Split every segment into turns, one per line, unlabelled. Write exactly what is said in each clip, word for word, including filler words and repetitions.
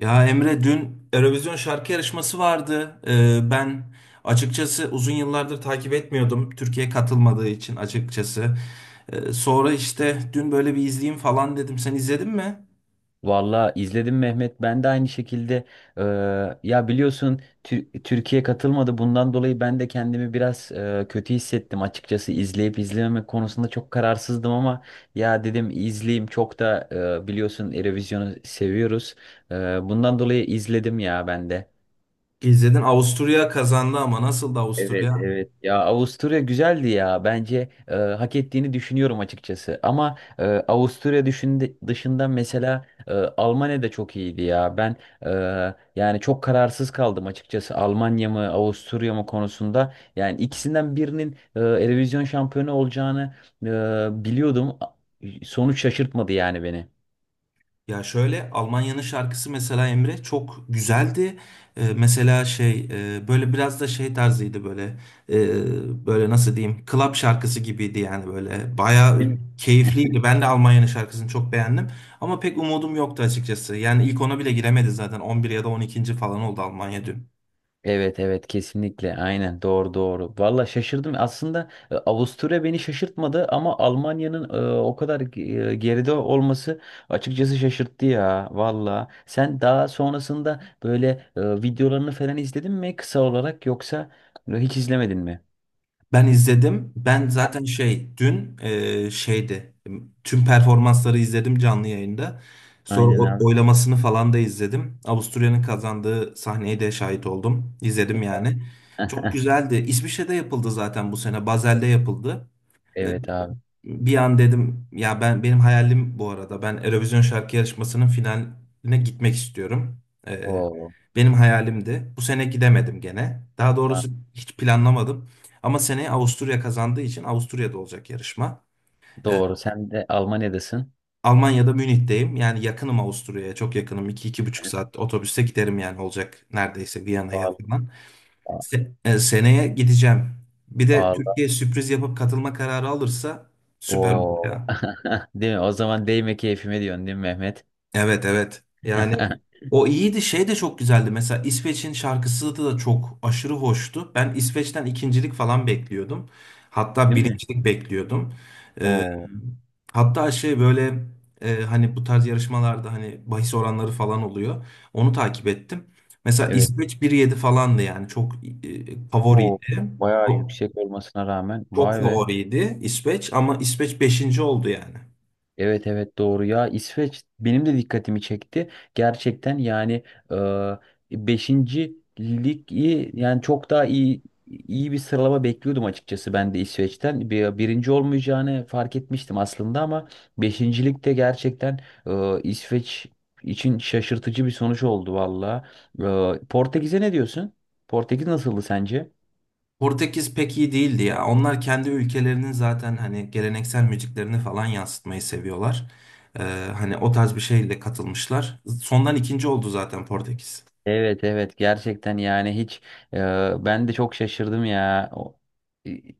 Ya Emre dün Eurovision şarkı yarışması vardı. Ee, ben açıkçası uzun yıllardır takip etmiyordum. Türkiye katılmadığı için açıkçası. Ee, sonra işte dün böyle bir izleyeyim falan dedim. Sen izledin mi?
Valla izledim Mehmet. Ben de aynı şekilde e, ya biliyorsun Tür- Türkiye katılmadı. Bundan dolayı ben de kendimi biraz e, kötü hissettim açıkçası. İzleyip izlememek konusunda çok kararsızdım ama ya dedim izleyeyim. Çok da e, biliyorsun Eurovision'u seviyoruz. E, Bundan dolayı izledim ya ben de.
İzledin. Avusturya kazandı ama nasıldı
Evet
Avusturya?
evet, ya Avusturya güzeldi ya, bence e, hak ettiğini düşünüyorum açıkçası ama e, Avusturya düşünde, dışında mesela e, Almanya da çok iyiydi ya ben, e, yani çok kararsız kaldım açıkçası, Almanya mı Avusturya mı konusunda. Yani ikisinden birinin e, Eurovision şampiyonu olacağını e, biliyordum, sonuç şaşırtmadı yani beni.
Ya şöyle Almanya'nın şarkısı mesela Emre çok güzeldi. Ee, mesela şey, e, böyle biraz da şey tarzıydı, böyle e, böyle nasıl diyeyim, club şarkısı gibiydi yani böyle bayağı keyifliydi. Ben de Almanya'nın şarkısını çok beğendim ama pek umudum yoktu açıkçası. Yani ilk ona bile giremedi zaten on bir ya da on ikinci falan oldu Almanya dün.
Evet evet, kesinlikle, aynen, doğru doğru. Valla şaşırdım aslında, e, Avusturya beni şaşırtmadı ama Almanya'nın e, o kadar ge- e, geride olması açıkçası şaşırttı ya valla. Sen daha sonrasında böyle e, videolarını falan izledin mi kısa olarak, yoksa e, hiç izlemedin mi?
Ben izledim. Ben zaten şey dün e, şeydi. Tüm performansları izledim canlı yayında. Sonra
Aynen
o-
abi.
oylamasını falan da izledim. Avusturya'nın kazandığı sahneye de şahit oldum. İzledim
Evet abi.
yani. Çok güzeldi. İsviçre'de yapıldı zaten bu sene. Basel'de yapıldı. E,
Evet abi.
bir an dedim, ya ben benim hayalim bu arada, ben Eurovision şarkı yarışmasının finaline gitmek istiyorum. Ee,
Oo.
benim hayalimdi. Bu sene gidemedim gene. Daha
va-
doğrusu hiç planlamadım. Ama seneye Avusturya kazandığı için Avusturya'da olacak yarışma. Ee,
Doğru, sen de Almanya'dasın.
Almanya'da Münih'teyim. Yani yakınım Avusturya'ya. Çok yakınım. İki iki buçuk saat otobüste giderim yani, olacak neredeyse Viyana'ya
Vallahi.
falan. Se- e, seneye gideceğim. Bir de
Vallahi.
Türkiye sürpriz yapıp katılma kararı alırsa süper olur.
Oo. Değil mi? O zaman değme keyfime diyorsun değil mi Mehmet?
Evet evet. Yani o iyiydi. Şey de çok güzeldi. Mesela İsveç'in şarkısı da çok aşırı hoştu. Ben İsveç'ten ikincilik falan bekliyordum. Hatta
Değil mi?
birincilik bekliyordum. Ee,
Oo,
hatta şey böyle, e, hani bu tarz yarışmalarda hani bahis oranları falan oluyor. Onu takip ettim. Mesela
evet.
İsveç bir virgül yedi falandı yani çok e,
Oo,
favoriydi.
bayağı
Çok,
yüksek olmasına rağmen
çok
vay be.
favoriydi İsveç ama İsveç beşinci oldu yani.
Evet evet doğru ya, İsveç benim de dikkatimi çekti. Gerçekten yani e, beşinci lig iyi, yani çok daha iyi iyi bir sıralama bekliyordum açıkçası ben de İsveç'ten. Bir, birinci olmayacağını fark etmiştim aslında ama beşinci ligde gerçekten e, İsveç için şaşırtıcı bir sonuç oldu valla. E, Portekiz'e ne diyorsun? Portekiz nasıldı sence?
Portekiz pek iyi değildi ya. Onlar kendi ülkelerinin zaten hani geleneksel müziklerini falan yansıtmayı seviyorlar. Ee, hani o tarz bir şeyle katılmışlar. Sondan ikinci oldu zaten Portekiz.
Evet evet gerçekten, yani hiç, e, ben de çok şaşırdım ya. O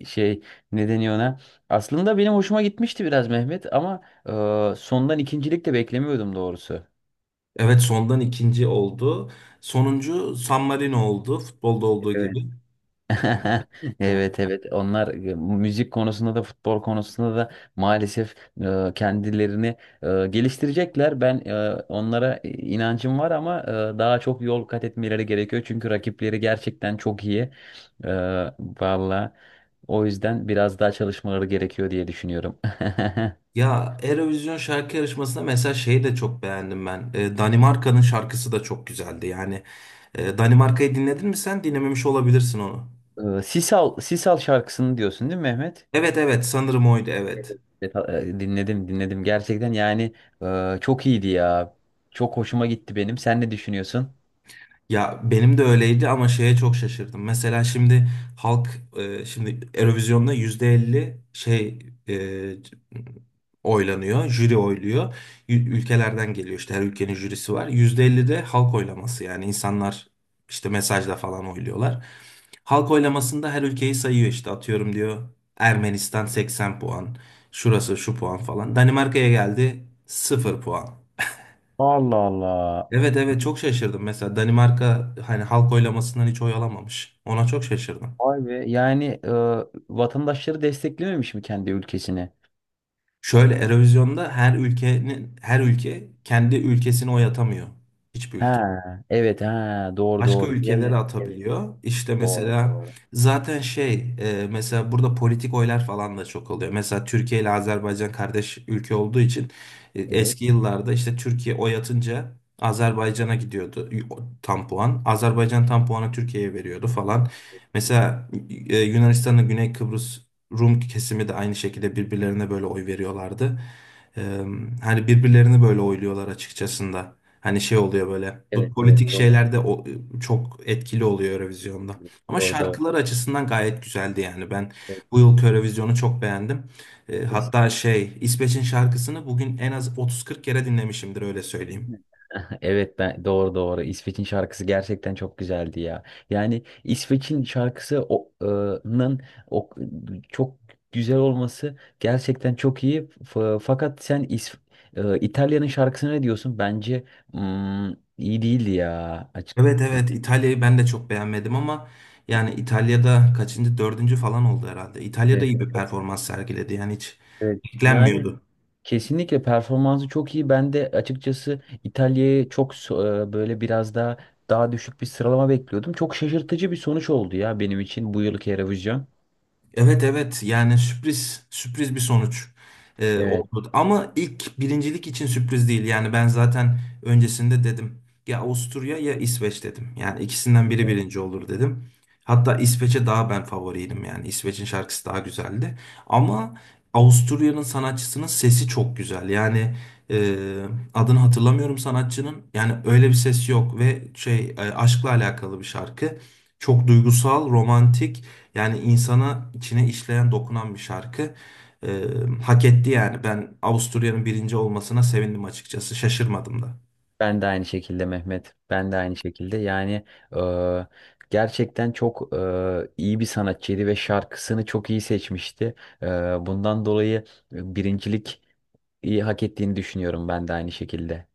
e, şey, ne deniyor ona. Aslında benim hoşuma gitmişti biraz Mehmet ama e, sondan ikincilik de beklemiyordum doğrusu.
Evet sondan ikinci oldu. Sonuncu San Marino oldu. Futbolda olduğu
Evet.
gibi. Yani
Evet
evet.
evet, onlar e, müzik konusunda da futbol konusunda da maalesef e, kendilerini e, geliştirecekler. Ben e, onlara e, inancım var ama e, daha çok yol kat etmeleri gerekiyor. Çünkü rakipleri gerçekten çok iyi. E, valla, o yüzden biraz daha çalışmaları gerekiyor diye düşünüyorum.
Ya Eurovision şarkı yarışmasında mesela şeyi de çok beğendim ben. Ee, Danimarka'nın şarkısı da çok güzeldi. Yani e, Danimarka'yı dinledin mi sen? Dinlememiş olabilirsin onu.
E, Sisal, Sisal şarkısını diyorsun değil mi Mehmet?
Evet evet sanırım oydu evet.
Evet, e, Dinledim dinledim, gerçekten yani e, çok iyiydi ya. Çok hoşuma gitti benim. Sen ne düşünüyorsun?
Ya benim de öyleydi ama şeye çok şaşırdım. Mesela şimdi halk, e, şimdi Eurovision'da yüzde elli şey, e, oylanıyor, jüri oyluyor. Ü- Ülkelerden geliyor işte, her ülkenin jürisi var. Yüzde elli de halk oylaması, yani insanlar işte mesajla falan oyluyorlar. Halk oylamasında her ülkeyi sayıyor, işte atıyorum diyor Ermenistan seksen puan, şurası şu puan falan. Danimarka'ya geldi sıfır puan.
Allah Allah.
Evet evet çok şaşırdım. Mesela Danimarka hani halk oylamasından hiç oy alamamış. Ona çok şaşırdım.
Vay be. Yani e, vatandaşları desteklememiş mi kendi ülkesini?
Şöyle, Eurovision'da her ülkenin her ülke kendi ülkesine oy atamıyor. Hiçbir ülke.
Ha, evet, ha, doğru
Başka
doğru. Diğer
ülkelere
ülke- evet,
atabiliyor. İşte
doğru
mesela
doğru.
zaten şey, e, mesela burada politik oylar falan da çok oluyor. Mesela Türkiye ile Azerbaycan kardeş ülke olduğu için e,
Evet.
eski yıllarda işte Türkiye oy atınca Azerbaycan'a gidiyordu, y- o- tam puan. Azerbaycan tam puanı Türkiye'ye veriyordu falan. Mesela e, Yunanistan'ın Güney Kıbrıs Rum kesimi de aynı şekilde birbirlerine böyle oy veriyorlardı. E, hani birbirlerini böyle oyluyorlar açıkçası. Hani şey oluyor böyle. Bu
Evet evet
politik
doğru.
şeyler de o- çok etkili oluyor Eurovision'da. Ama
Doğru doğru.
şarkılar açısından gayet güzeldi yani. Ben bu yılki Eurovision'u çok beğendim. E,
Evet.
hatta şey, İsveç'in şarkısını bugün en az otuz kırk kere dinlemişimdir, öyle söyleyeyim.
Evet ben, doğru doğru. İsveç'in şarkısı gerçekten çok güzeldi ya. Yani İsveç'in şarkısı o, e, nın o, çok güzel olması gerçekten çok iyi. F- fakat sen İs- e, İtalya'nın şarkısına ne diyorsun? Bence mm, iyi değildi ya. Açık.
Evet
Yani,
evet İtalya'yı ben de çok beğenmedim ama yani İtalya'da kaçıncı, dördüncü falan oldu herhalde. İtalya'da
evet,
iyi bir performans sergiledi yani, hiç
evet. Yani
beklenmiyordu.
kesinlikle performansı çok iyi. Ben de açıkçası İtalya'yı çok so- e, böyle biraz daha daha düşük bir sıralama bekliyordum. Çok şaşırtıcı bir sonuç oldu ya benim için bu yılki Eurovision.
Evet evet yani sürpriz, sürpriz bir sonuç e,
Evet.
oldu. Ama ilk birincilik için sürpriz değil. Yani ben zaten öncesinde dedim, ya Avusturya ya İsveç dedim. Yani ikisinden biri birinci olur dedim. Hatta İsveç'e daha ben favoriydim, yani İsveç'in şarkısı daha güzeldi. Ama Avusturya'nın sanatçısının sesi çok güzel. Yani e, adını hatırlamıyorum sanatçının. Yani öyle bir ses yok ve şey, e, aşkla alakalı bir şarkı. Çok duygusal, romantik. Yani insana içine işleyen, dokunan bir şarkı. Ee, hak etti yani. Ben Avusturya'nın birinci olmasına sevindim açıkçası. Şaşırmadım da.
Ben de aynı şekilde Mehmet. Ben de aynı şekilde. Yani e, gerçekten çok e, iyi bir sanatçıydı ve şarkısını çok iyi seçmişti. E, bundan dolayı e, birincilik iyi hak ettiğini düşünüyorum ben de aynı şekilde.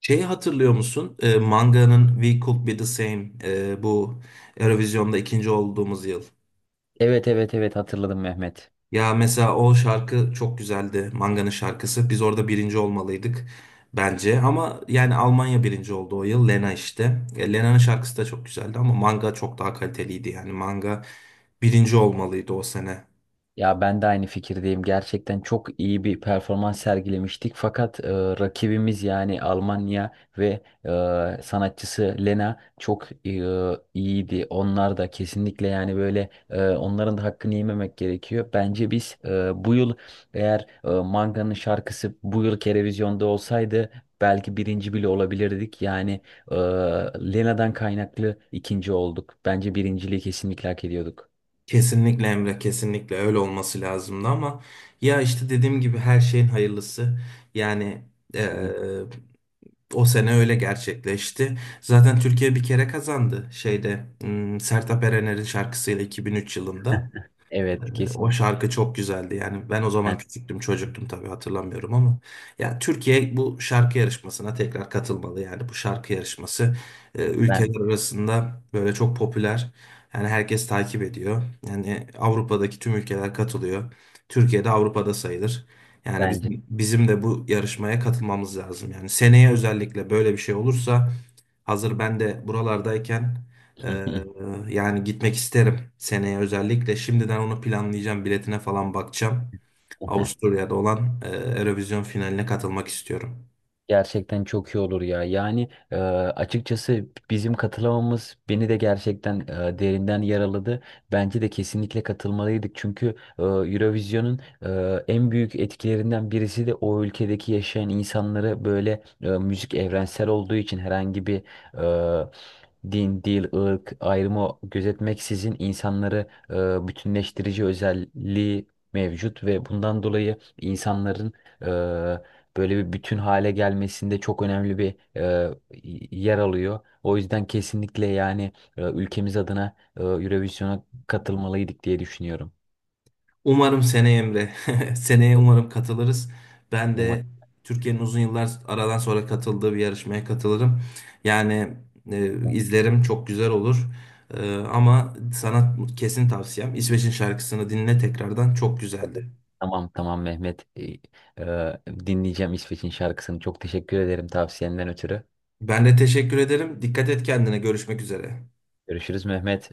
Şeyi hatırlıyor musun? Ee, Manga'nın We Could Be The Same, ee, bu Eurovision'da ikinci olduğumuz yıl.
Evet evet evet hatırladım Mehmet.
Ya mesela o şarkı çok güzeldi. Manga'nın şarkısı. Biz orada birinci olmalıydık bence. Ama yani Almanya birinci oldu o yıl. Lena işte. E, Lena'nın şarkısı da çok güzeldi ama Manga çok daha kaliteliydi. Yani Manga birinci olmalıydı o sene.
Ya ben de aynı fikirdeyim. Gerçekten çok iyi bir performans sergilemiştik. Fakat e, rakibimiz yani Almanya ve e, sanatçısı Lena çok e, iyiydi. Onlar da kesinlikle, yani böyle, e, onların da hakkını yememek gerekiyor. Bence biz e, bu yıl, eğer e, Manga'nın şarkısı bu yıl televizyonda olsaydı belki birinci bile olabilirdik. Yani e, Lena'dan kaynaklı ikinci olduk. Bence birinciliği kesinlikle hak ediyorduk.
Kesinlikle Emre, kesinlikle öyle olması lazımdı ama ya işte dediğim gibi, her şeyin hayırlısı. Yani eee,
Kesinlikle.
o sene öyle gerçekleşti. Zaten Türkiye bir kere kazandı şeyde, hmm, Sertab Erener'in şarkısıyla iki bin üç yılında.
Evet
O
kesinlikle.
şarkı çok güzeldi. Yani ben o zaman küçüktüm, çocuktum, tabii hatırlamıyorum ama ya Türkiye bu şarkı yarışmasına tekrar katılmalı. Yani bu şarkı yarışması e,
Ben
ülkeler arasında böyle çok popüler. Yani herkes takip ediyor. Yani Avrupa'daki tüm ülkeler katılıyor. Türkiye de Avrupa'da sayılır. Yani
bence.
bizim, bizim de bu yarışmaya katılmamız lazım. Yani seneye özellikle böyle bir şey olursa, hazır ben de buralardayken, ee, yani gitmek isterim seneye özellikle. Şimdiden onu planlayacağım. Biletine falan bakacağım. Avusturya'da olan e, Eurovision finaline katılmak istiyorum.
Gerçekten çok iyi olur ya. Yani e, açıkçası bizim katılamamız beni de gerçekten e, derinden yaraladı. Bence de kesinlikle katılmalıydık. Çünkü e, Eurovision'un e, en büyük etkilerinden birisi de o ülkedeki yaşayan insanları, böyle e, müzik evrensel olduğu için herhangi bir e, din, dil, ırk ayrımı gözetmeksizin insanları e, bütünleştirici özelliği mevcut ve bundan dolayı insanların böyle bir bütün hale gelmesinde çok önemli bir e, yer alıyor. O yüzden kesinlikle, yani e, ülkemiz adına e, Eurovision'a katılmalıydık diye düşünüyorum.
Umarım seneye Emre. Seneye umarım katılırız. Ben
Umarım.
de Türkiye'nin uzun yıllar aradan sonra katıldığı bir yarışmaya katılırım. Yani e, izlerim, çok güzel olur. E, ama sana kesin tavsiyem, İsveç'in şarkısını dinle tekrardan, çok güzeldi.
Tamam tamam Mehmet. E, e, dinleyeceğim İsveç'in şarkısını. Çok teşekkür ederim tavsiyenden ötürü.
Ben de teşekkür ederim. Dikkat et kendine. Görüşmek üzere.
Görüşürüz Mehmet.